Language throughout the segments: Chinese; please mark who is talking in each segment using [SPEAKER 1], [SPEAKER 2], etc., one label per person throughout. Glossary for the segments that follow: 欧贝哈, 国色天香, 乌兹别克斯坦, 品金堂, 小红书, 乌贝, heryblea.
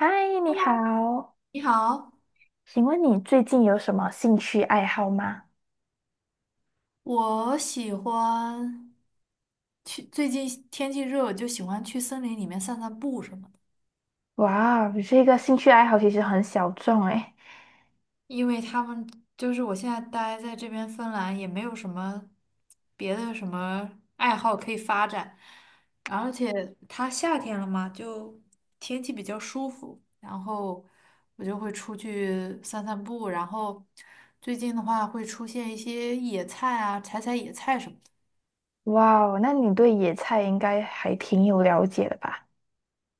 [SPEAKER 1] 嗨，你好，
[SPEAKER 2] 你好，
[SPEAKER 1] 请问你最近有什么兴趣爱好吗？
[SPEAKER 2] 我喜欢去，最近天气热，我就喜欢去森林里面散散步什么的。
[SPEAKER 1] 哇，你这个兴趣爱好其实很小众诶。
[SPEAKER 2] 因为就是我现在待在这边芬兰，也没有什么别的什么爱好可以发展，而且它夏天了嘛，就天气比较舒服，然后我就会出去散散步，然后最近的话会出现一些野菜啊，采采野菜什么的。
[SPEAKER 1] 哇哦，那你对野菜应该还挺有了解的吧？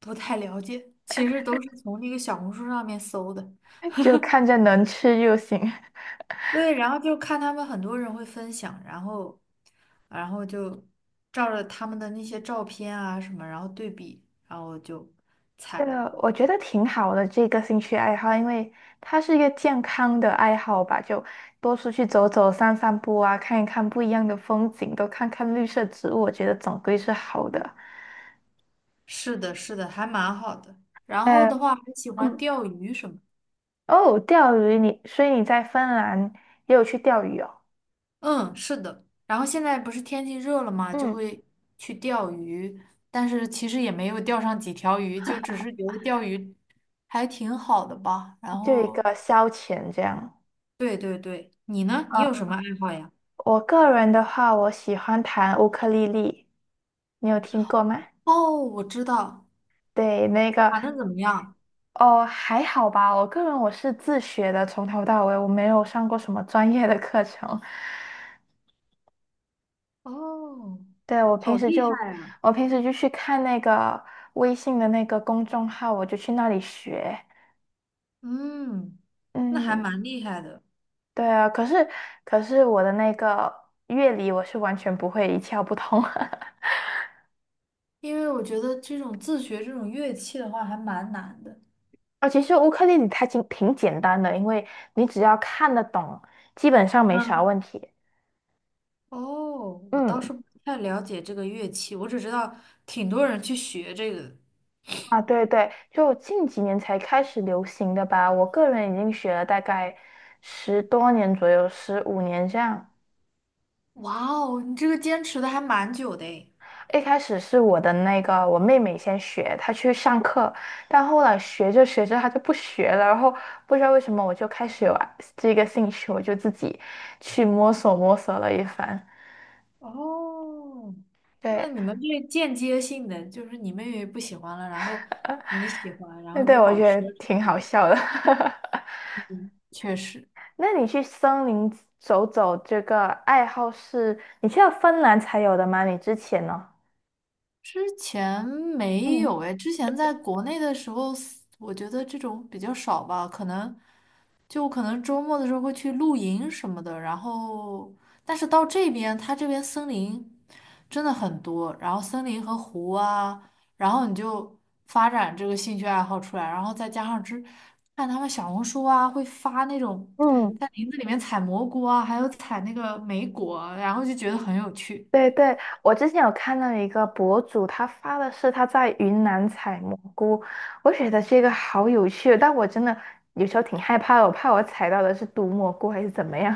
[SPEAKER 2] 不太了解，其实都是从那个小红书上面搜的。
[SPEAKER 1] 就看着能吃就行。
[SPEAKER 2] 对，然后就看他们很多人会分享，然后就照着他们的那些照片啊什么，然后对比，然后就采
[SPEAKER 1] 这
[SPEAKER 2] 来。
[SPEAKER 1] 个我觉得挺好的，这个兴趣爱好，因为它是一个健康的爱好吧，就多出去走走、散散步啊，看一看不一样的风景，多看看绿色植物，我觉得总归是好的。
[SPEAKER 2] 是的，是的，还蛮好的。然后
[SPEAKER 1] 呃，
[SPEAKER 2] 的话，还喜欢
[SPEAKER 1] 嗯。
[SPEAKER 2] 钓鱼什么。
[SPEAKER 1] 哦，钓鱼你，所以你在芬兰也有去钓鱼哦，
[SPEAKER 2] 嗯，是的。然后现在不是天气热了嘛，就
[SPEAKER 1] 嗯，
[SPEAKER 2] 会去钓鱼，但是其实也没有钓上几条鱼，就只是觉得钓鱼还挺好的吧。然
[SPEAKER 1] 就一
[SPEAKER 2] 后，
[SPEAKER 1] 个消遣这样。
[SPEAKER 2] 对对对，你呢？你
[SPEAKER 1] 啊，
[SPEAKER 2] 有什么爱好呀？
[SPEAKER 1] 我个人的话，我喜欢弹乌克丽丽，你有听过吗？
[SPEAKER 2] 哦，我知道，
[SPEAKER 1] 对，那个
[SPEAKER 2] 弹的怎么样？
[SPEAKER 1] 哦，还好吧。我个人我是自学的，从头到尾我没有上过什么专业的课程。
[SPEAKER 2] 哦，
[SPEAKER 1] 对，我
[SPEAKER 2] 好
[SPEAKER 1] 平时
[SPEAKER 2] 厉
[SPEAKER 1] 就
[SPEAKER 2] 害啊！
[SPEAKER 1] 我平时就去看那个微信的那个公众号，我就去那里学。
[SPEAKER 2] 嗯，那还
[SPEAKER 1] 嗯，
[SPEAKER 2] 蛮厉害的。
[SPEAKER 1] 对啊，可是我的那个乐理我是完全不会，一窍不通。
[SPEAKER 2] 因为我觉得这种自学这种乐器的话还蛮难的。
[SPEAKER 1] 啊，其实乌克丽丽它挺简单的，因为你只要看得懂，基本上没啥
[SPEAKER 2] 嗯，
[SPEAKER 1] 问题。
[SPEAKER 2] 哦，我倒是
[SPEAKER 1] 嗯，
[SPEAKER 2] 不太了解这个乐器，我只知道挺多人去学这个的。
[SPEAKER 1] 啊，对对，就近几年才开始流行的吧。我个人已经学了大概10多年左右，15年这样。
[SPEAKER 2] 哇哦，你这个坚持的还蛮久的诶。
[SPEAKER 1] 一开始是我的那个我妹妹先学，她去上课，但后来学着学着她就不学了，然后不知道为什么我就开始有啊这个兴趣，我就自己去摸索摸索了一番。
[SPEAKER 2] 哦，那
[SPEAKER 1] 对，
[SPEAKER 2] 你们这间接性的，就是你妹妹不喜欢了，然后你喜欢，然
[SPEAKER 1] 那
[SPEAKER 2] 后
[SPEAKER 1] 对
[SPEAKER 2] 你
[SPEAKER 1] 我觉
[SPEAKER 2] 保持
[SPEAKER 1] 得
[SPEAKER 2] 了这
[SPEAKER 1] 挺好笑的。
[SPEAKER 2] 个。确实。
[SPEAKER 1] 那你去森林走走这个爱好是你去到芬兰才有的吗？你之前呢？
[SPEAKER 2] 之前没有
[SPEAKER 1] 嗯
[SPEAKER 2] 哎，之前在国内的时候，我觉得这种比较少吧，可能就我周末的时候会去露营什么的，然后，但是到这边，它这边森林真的很多，然后森林和湖啊，然后你就发展这个兴趣爱好出来，然后再加上看他们小红书啊，会发那种
[SPEAKER 1] 嗯。
[SPEAKER 2] 在林子里面采蘑菇啊，还有采那个莓果啊然后就觉得很有趣。
[SPEAKER 1] 对对，我之前有看到一个博主，他发的是他在云南采蘑菇，我觉得这个好有趣，但我真的有时候挺害怕的，我怕我采到的是毒蘑菇还是怎么样。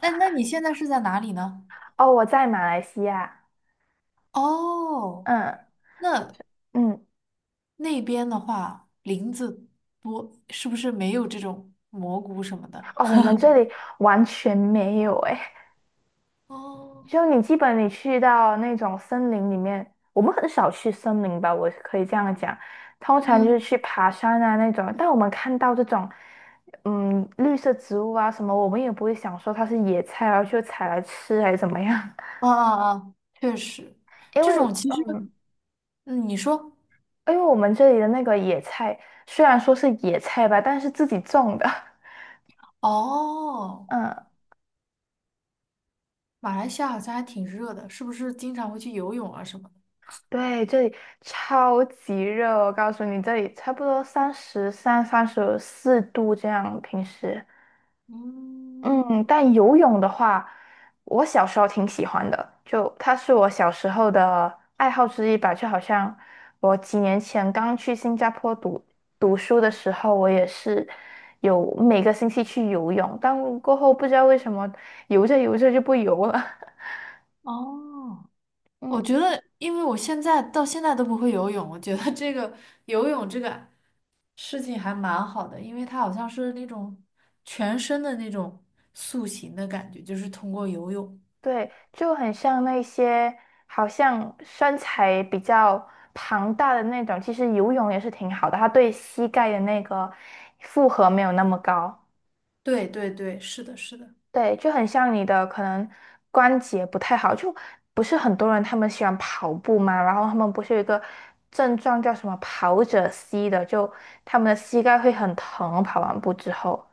[SPEAKER 2] 那 那你现在是在哪里呢？
[SPEAKER 1] 哦，我在马来西亚，
[SPEAKER 2] 哦，
[SPEAKER 1] 嗯
[SPEAKER 2] 那
[SPEAKER 1] 嗯，
[SPEAKER 2] 那边的话，林子多，是不是没有这种蘑菇什么的？
[SPEAKER 1] 哦，我们这里完全没有哎。
[SPEAKER 2] 哦，
[SPEAKER 1] 就你基本你去到那种森林里面，我们很少去森林吧，我可以这样讲，通常就是
[SPEAKER 2] 嗯，
[SPEAKER 1] 去爬山啊那种。但我们看到这种，嗯，绿色植物啊什么，我们也不会想说它是野菜，然后就采来吃还是怎么样，
[SPEAKER 2] 啊啊啊，确实，
[SPEAKER 1] 因
[SPEAKER 2] 这
[SPEAKER 1] 为
[SPEAKER 2] 种其实，
[SPEAKER 1] 嗯，
[SPEAKER 2] 嗯，你说，
[SPEAKER 1] 因为我们这里的那个野菜虽然说是野菜吧，但是自己种的，
[SPEAKER 2] 哦，
[SPEAKER 1] 嗯。
[SPEAKER 2] 马来西亚好像还挺热的，是不是经常会去游泳啊什么的。
[SPEAKER 1] 对，这里超级热，我告诉你，这里差不多33、34度这样，平时。
[SPEAKER 2] 嗯，
[SPEAKER 1] 嗯，但游泳的话，我小时候挺喜欢的，就它是我小时候的爱好之一吧。就好像我几年前刚去新加坡读书的时候，我也是有每个星期去游泳，但过后不知道为什么游着游着就不游了。
[SPEAKER 2] 哦，
[SPEAKER 1] 嗯，
[SPEAKER 2] 我觉得，因为我现在到现在都不会游泳，我觉得这个游泳这个事情还蛮好的，因为它好像是那种全身的那种塑形的感觉，就是通过游泳。
[SPEAKER 1] 对，就很像那些好像身材比较庞大的那种，其实游泳也是挺好的，它对膝盖的那个负荷没有那么高。
[SPEAKER 2] 对对对，是的，是的。
[SPEAKER 1] 对，就很像你的可能关节不太好，就不是很多人他们喜欢跑步嘛，然后他们不是有一个症状叫什么跑者膝的，就他们的膝盖会很疼，跑完步之后，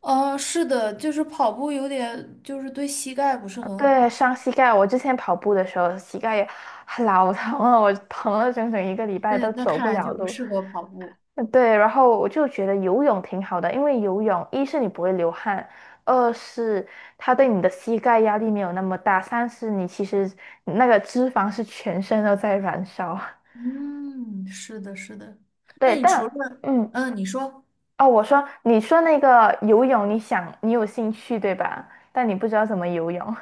[SPEAKER 2] 哦，是的，就是跑步有点，就是对膝盖不是很
[SPEAKER 1] 对，
[SPEAKER 2] 好。
[SPEAKER 1] 伤膝盖。我之前跑步的时候膝盖也老疼了，我疼了整整一个礼拜
[SPEAKER 2] 那
[SPEAKER 1] 都
[SPEAKER 2] 那
[SPEAKER 1] 走
[SPEAKER 2] 看
[SPEAKER 1] 不
[SPEAKER 2] 来
[SPEAKER 1] 了
[SPEAKER 2] 就不
[SPEAKER 1] 路，
[SPEAKER 2] 适合跑步。
[SPEAKER 1] 嗯对，然后我就觉得游泳挺好的，因为游泳一是你不会流汗，二是它对你的膝盖压力没有那么大，三是你其实那个脂肪是全身都在燃烧。
[SPEAKER 2] 嗯，是的，是的。那
[SPEAKER 1] 对，
[SPEAKER 2] 你除了，嗯，你说，
[SPEAKER 1] 哦，我说你说那个游泳，你想你有兴趣对吧？但你不知道怎么游泳。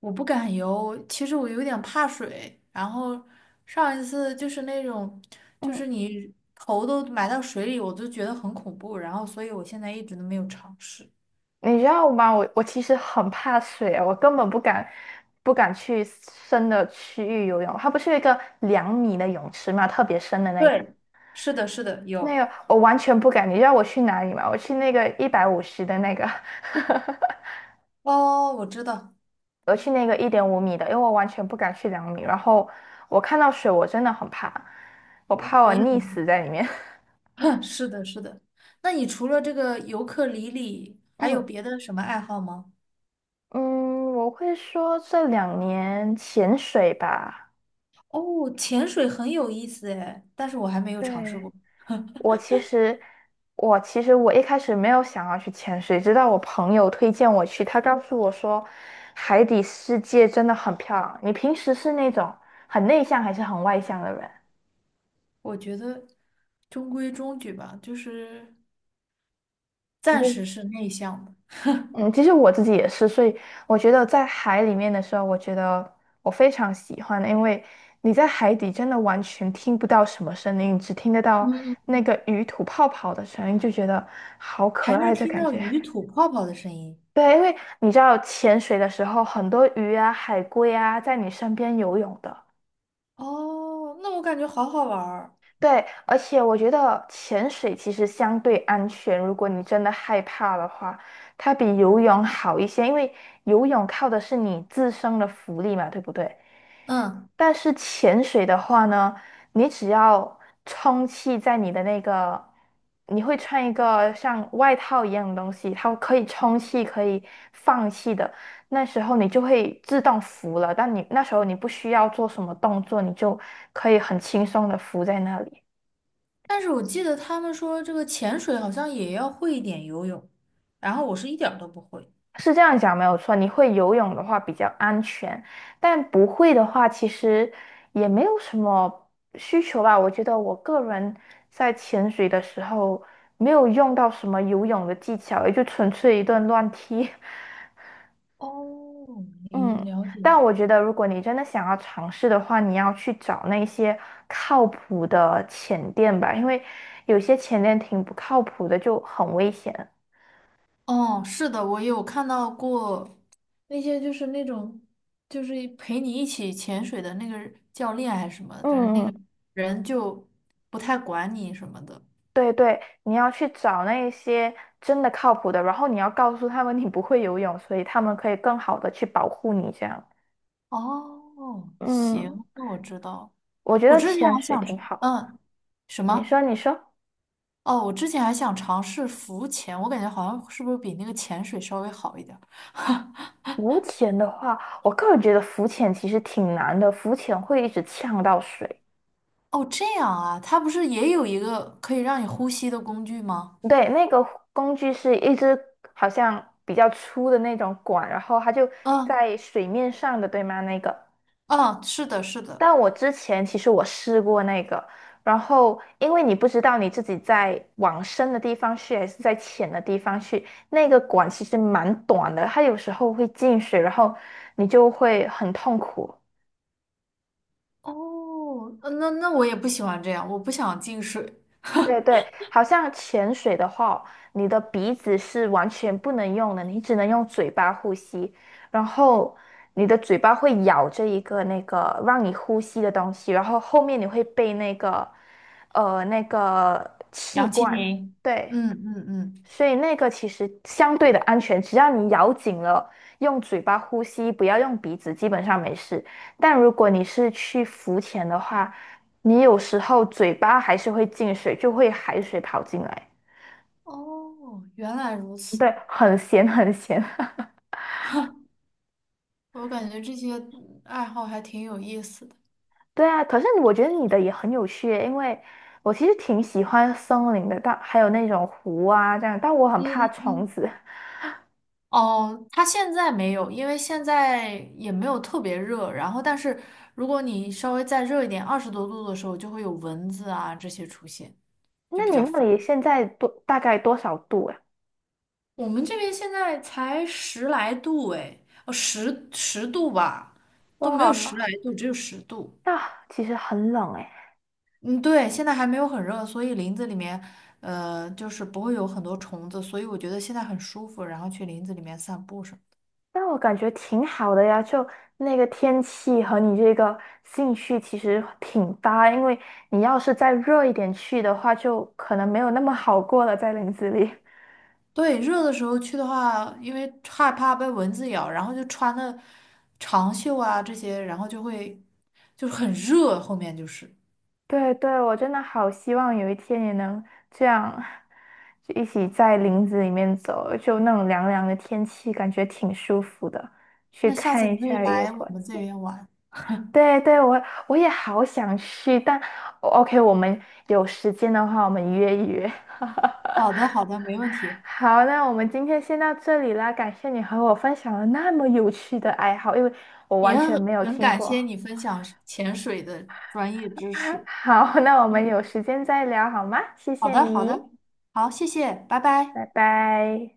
[SPEAKER 2] 我不敢游，其实我有点怕水。然后上一次就是那种，就
[SPEAKER 1] 嗯，
[SPEAKER 2] 是你头都埋到水里，我都觉得很恐怖。然后，所以我现在一直都没有尝试。
[SPEAKER 1] 你知道吗？我其实很怕水啊，我根本不敢去深的区域游泳。它不是有一个两米的泳池嘛，特别深的那个。
[SPEAKER 2] 对，是的，是的，
[SPEAKER 1] 那
[SPEAKER 2] 有。
[SPEAKER 1] 个我完全不敢，你知道我去哪里吗？我去那个150的那个，
[SPEAKER 2] 哦，我知道，
[SPEAKER 1] 我去那个1.5米的，因为我完全不敢去两米。然后我看到水，我真的很怕，我
[SPEAKER 2] 我
[SPEAKER 1] 怕我
[SPEAKER 2] 我也
[SPEAKER 1] 溺死
[SPEAKER 2] 很。
[SPEAKER 1] 在里面。
[SPEAKER 2] 是的，是的。那你除了这个尤克里里，还有
[SPEAKER 1] 嗯
[SPEAKER 2] 别的什么爱好吗？
[SPEAKER 1] 嗯，我会说这2年潜水吧。
[SPEAKER 2] 哦，潜水很有意思诶，但是我还没有尝试
[SPEAKER 1] 对，
[SPEAKER 2] 过。
[SPEAKER 1] 我其实，我其实我一开始没有想要去潜水，直到我朋友推荐我去，他告诉我说，海底世界真的很漂亮。你平时是那种很内向还是很外向的人？
[SPEAKER 2] 我觉得中规中矩吧，就是
[SPEAKER 1] 就
[SPEAKER 2] 暂
[SPEAKER 1] 是
[SPEAKER 2] 时是内向的，
[SPEAKER 1] 嗯，其实我自己也是，所以我觉得在海里面的时候，我觉得我非常喜欢，因为你在海底真的完全听不到什么声音，只听得
[SPEAKER 2] 嗯
[SPEAKER 1] 到
[SPEAKER 2] 嗯
[SPEAKER 1] 那
[SPEAKER 2] 嗯。
[SPEAKER 1] 个鱼吐泡泡的声音，就觉得好可
[SPEAKER 2] 还
[SPEAKER 1] 爱
[SPEAKER 2] 能
[SPEAKER 1] 这
[SPEAKER 2] 听
[SPEAKER 1] 感
[SPEAKER 2] 到
[SPEAKER 1] 觉。
[SPEAKER 2] 鱼吐泡泡的声音。
[SPEAKER 1] 对，因为你知道潜水的时候，很多鱼啊、海龟啊在你身边游泳的。
[SPEAKER 2] 哦，那我感觉好好玩儿。
[SPEAKER 1] 对，而且我觉得潜水其实相对安全，如果你真的害怕的话，它比游泳好一些，因为游泳靠的是你自身的浮力嘛，对不对？
[SPEAKER 2] 嗯，
[SPEAKER 1] 但是潜水的话呢，你只要充气在你的那个，你会穿一个像外套一样的东西，它可以充气，可以放气的。那时候你就会自动浮了，但你那时候你不需要做什么动作，你就可以很轻松的浮在那里。
[SPEAKER 2] 但是我记得他们说这个潜水好像也要会一点游泳，然后我是一点儿都不会。
[SPEAKER 1] 是这样讲没有错，你会游泳的话比较安全，但不会的话其实也没有什么需求吧。我觉得我个人在潜水的时候没有用到什么游泳的技巧，也就纯粹一顿乱踢。
[SPEAKER 2] 哦，你
[SPEAKER 1] 嗯，
[SPEAKER 2] 了解。
[SPEAKER 1] 但我觉得如果你真的想要尝试的话，你要去找那些靠谱的潜店吧，因为有些潜店挺不靠谱的，就很危险。
[SPEAKER 2] 哦，是的，我有看到过那些就是那种就是一陪你一起潜水的那个教练还是什么的，反正
[SPEAKER 1] 嗯
[SPEAKER 2] 那
[SPEAKER 1] 嗯。
[SPEAKER 2] 个人就不太管你什么的。
[SPEAKER 1] 对对，你要去找那一些真的靠谱的，然后你要告诉他们你不会游泳，所以他们可以更好的去保护你。这样，
[SPEAKER 2] 哦，
[SPEAKER 1] 嗯，
[SPEAKER 2] 行，那我知道。
[SPEAKER 1] 我觉
[SPEAKER 2] 我
[SPEAKER 1] 得
[SPEAKER 2] 之前
[SPEAKER 1] 潜
[SPEAKER 2] 还
[SPEAKER 1] 水
[SPEAKER 2] 想吃。
[SPEAKER 1] 挺好。
[SPEAKER 2] 嗯，什
[SPEAKER 1] 你说，
[SPEAKER 2] 么？
[SPEAKER 1] 你说，
[SPEAKER 2] 哦，我之前还想尝试浮潜，我感觉好像是不是比那个潜水稍微好一点儿？
[SPEAKER 1] 浮潜的话，我个人觉得浮潜其实挺难的，浮潜会一直呛到水。
[SPEAKER 2] 哦，这样啊，它不是也有一个可以让你呼吸的工具吗？
[SPEAKER 1] 对，那个工具是一支好像比较粗的那种管，然后它就
[SPEAKER 2] 嗯
[SPEAKER 1] 在水面上的，对吗？那个。
[SPEAKER 2] 嗯，是的，是的。
[SPEAKER 1] 但我之前其实我试过那个，然后因为你不知道你自己在往深的地方去还是在浅的地方去，那个管其实蛮短的，它有时候会进水，然后你就会很痛苦。
[SPEAKER 2] 哦，那我也不喜欢这样，我不想进水。
[SPEAKER 1] 对对，好像潜水的话哦，你的鼻子是完全不能用的，你只能用嘴巴呼吸，然后你的嘴巴会咬着一个那个让你呼吸的东西，然后后面你会被那个气
[SPEAKER 2] 氧气
[SPEAKER 1] 罐，
[SPEAKER 2] 瓶。
[SPEAKER 1] 对，
[SPEAKER 2] 嗯嗯嗯，
[SPEAKER 1] 所以那个其实相对的安全，只要你咬紧了，用嘴巴呼吸，不要用鼻子，基本上没事。但如果你是去浮潜的话，你有时候嘴巴还是会进水，就会海水跑进来，
[SPEAKER 2] 哦，原来如
[SPEAKER 1] 对，
[SPEAKER 2] 此，
[SPEAKER 1] 很咸很咸。
[SPEAKER 2] 我感觉这些爱好还挺有意思的。
[SPEAKER 1] 对啊，可是我觉得你的也很有趣耶，因为我其实挺喜欢森林的，但还有那种湖啊这样，但我很
[SPEAKER 2] 嗯
[SPEAKER 1] 怕
[SPEAKER 2] 嗯
[SPEAKER 1] 虫
[SPEAKER 2] 嗯。
[SPEAKER 1] 子。
[SPEAKER 2] 哦，它现在没有，因为现在也没有特别热。然后，但是如果你稍微再热一点，20多度的时候，就会有蚊子啊这些出现，就
[SPEAKER 1] 那
[SPEAKER 2] 比
[SPEAKER 1] 你
[SPEAKER 2] 较
[SPEAKER 1] 那里
[SPEAKER 2] 烦。
[SPEAKER 1] 现在大概多少度呀？
[SPEAKER 2] 我们这边现在才十来度哎，哦，十度吧，都没有十来
[SPEAKER 1] 哇，
[SPEAKER 2] 度，只有十度。
[SPEAKER 1] 那其实很冷诶。
[SPEAKER 2] 嗯，对，现在还没有很热，所以林子里面，就是不会有很多虫子，所以我觉得现在很舒服，然后去林子里面散步什么。
[SPEAKER 1] 但我感觉挺好的呀，就那个天气和你这个兴趣其实挺搭，因为你要是再热一点去的话，就可能没有那么好过了，在林子里。
[SPEAKER 2] 对，热的时候去的话，因为害怕被蚊子咬，然后就穿的长袖啊这些，然后就会就是很热，后面就是。
[SPEAKER 1] 对对，我真的好希望有一天也能这样，就一起在林子里面走，就那种凉凉的天气，感觉挺舒服的，去
[SPEAKER 2] 那下
[SPEAKER 1] 看
[SPEAKER 2] 次
[SPEAKER 1] 一
[SPEAKER 2] 你可以
[SPEAKER 1] 下野
[SPEAKER 2] 来我
[SPEAKER 1] 果
[SPEAKER 2] 们这
[SPEAKER 1] 子。
[SPEAKER 2] 边玩。
[SPEAKER 1] 对对，我也好想去，但 OK,我们有时间的话，我们约一约。
[SPEAKER 2] 好的，好的，没问题。
[SPEAKER 1] 好，那我们今天先到这里啦，感谢你和我分享了那么有趣的爱好，因为我
[SPEAKER 2] 也
[SPEAKER 1] 完全没有
[SPEAKER 2] 很
[SPEAKER 1] 听
[SPEAKER 2] 感
[SPEAKER 1] 过。
[SPEAKER 2] 谢你分享潜水的专业知 识。
[SPEAKER 1] 好，那我们有时间再聊好吗？谢
[SPEAKER 2] 好
[SPEAKER 1] 谢
[SPEAKER 2] 的，好
[SPEAKER 1] 你，
[SPEAKER 2] 的，好，谢谢，拜拜。
[SPEAKER 1] 拜拜。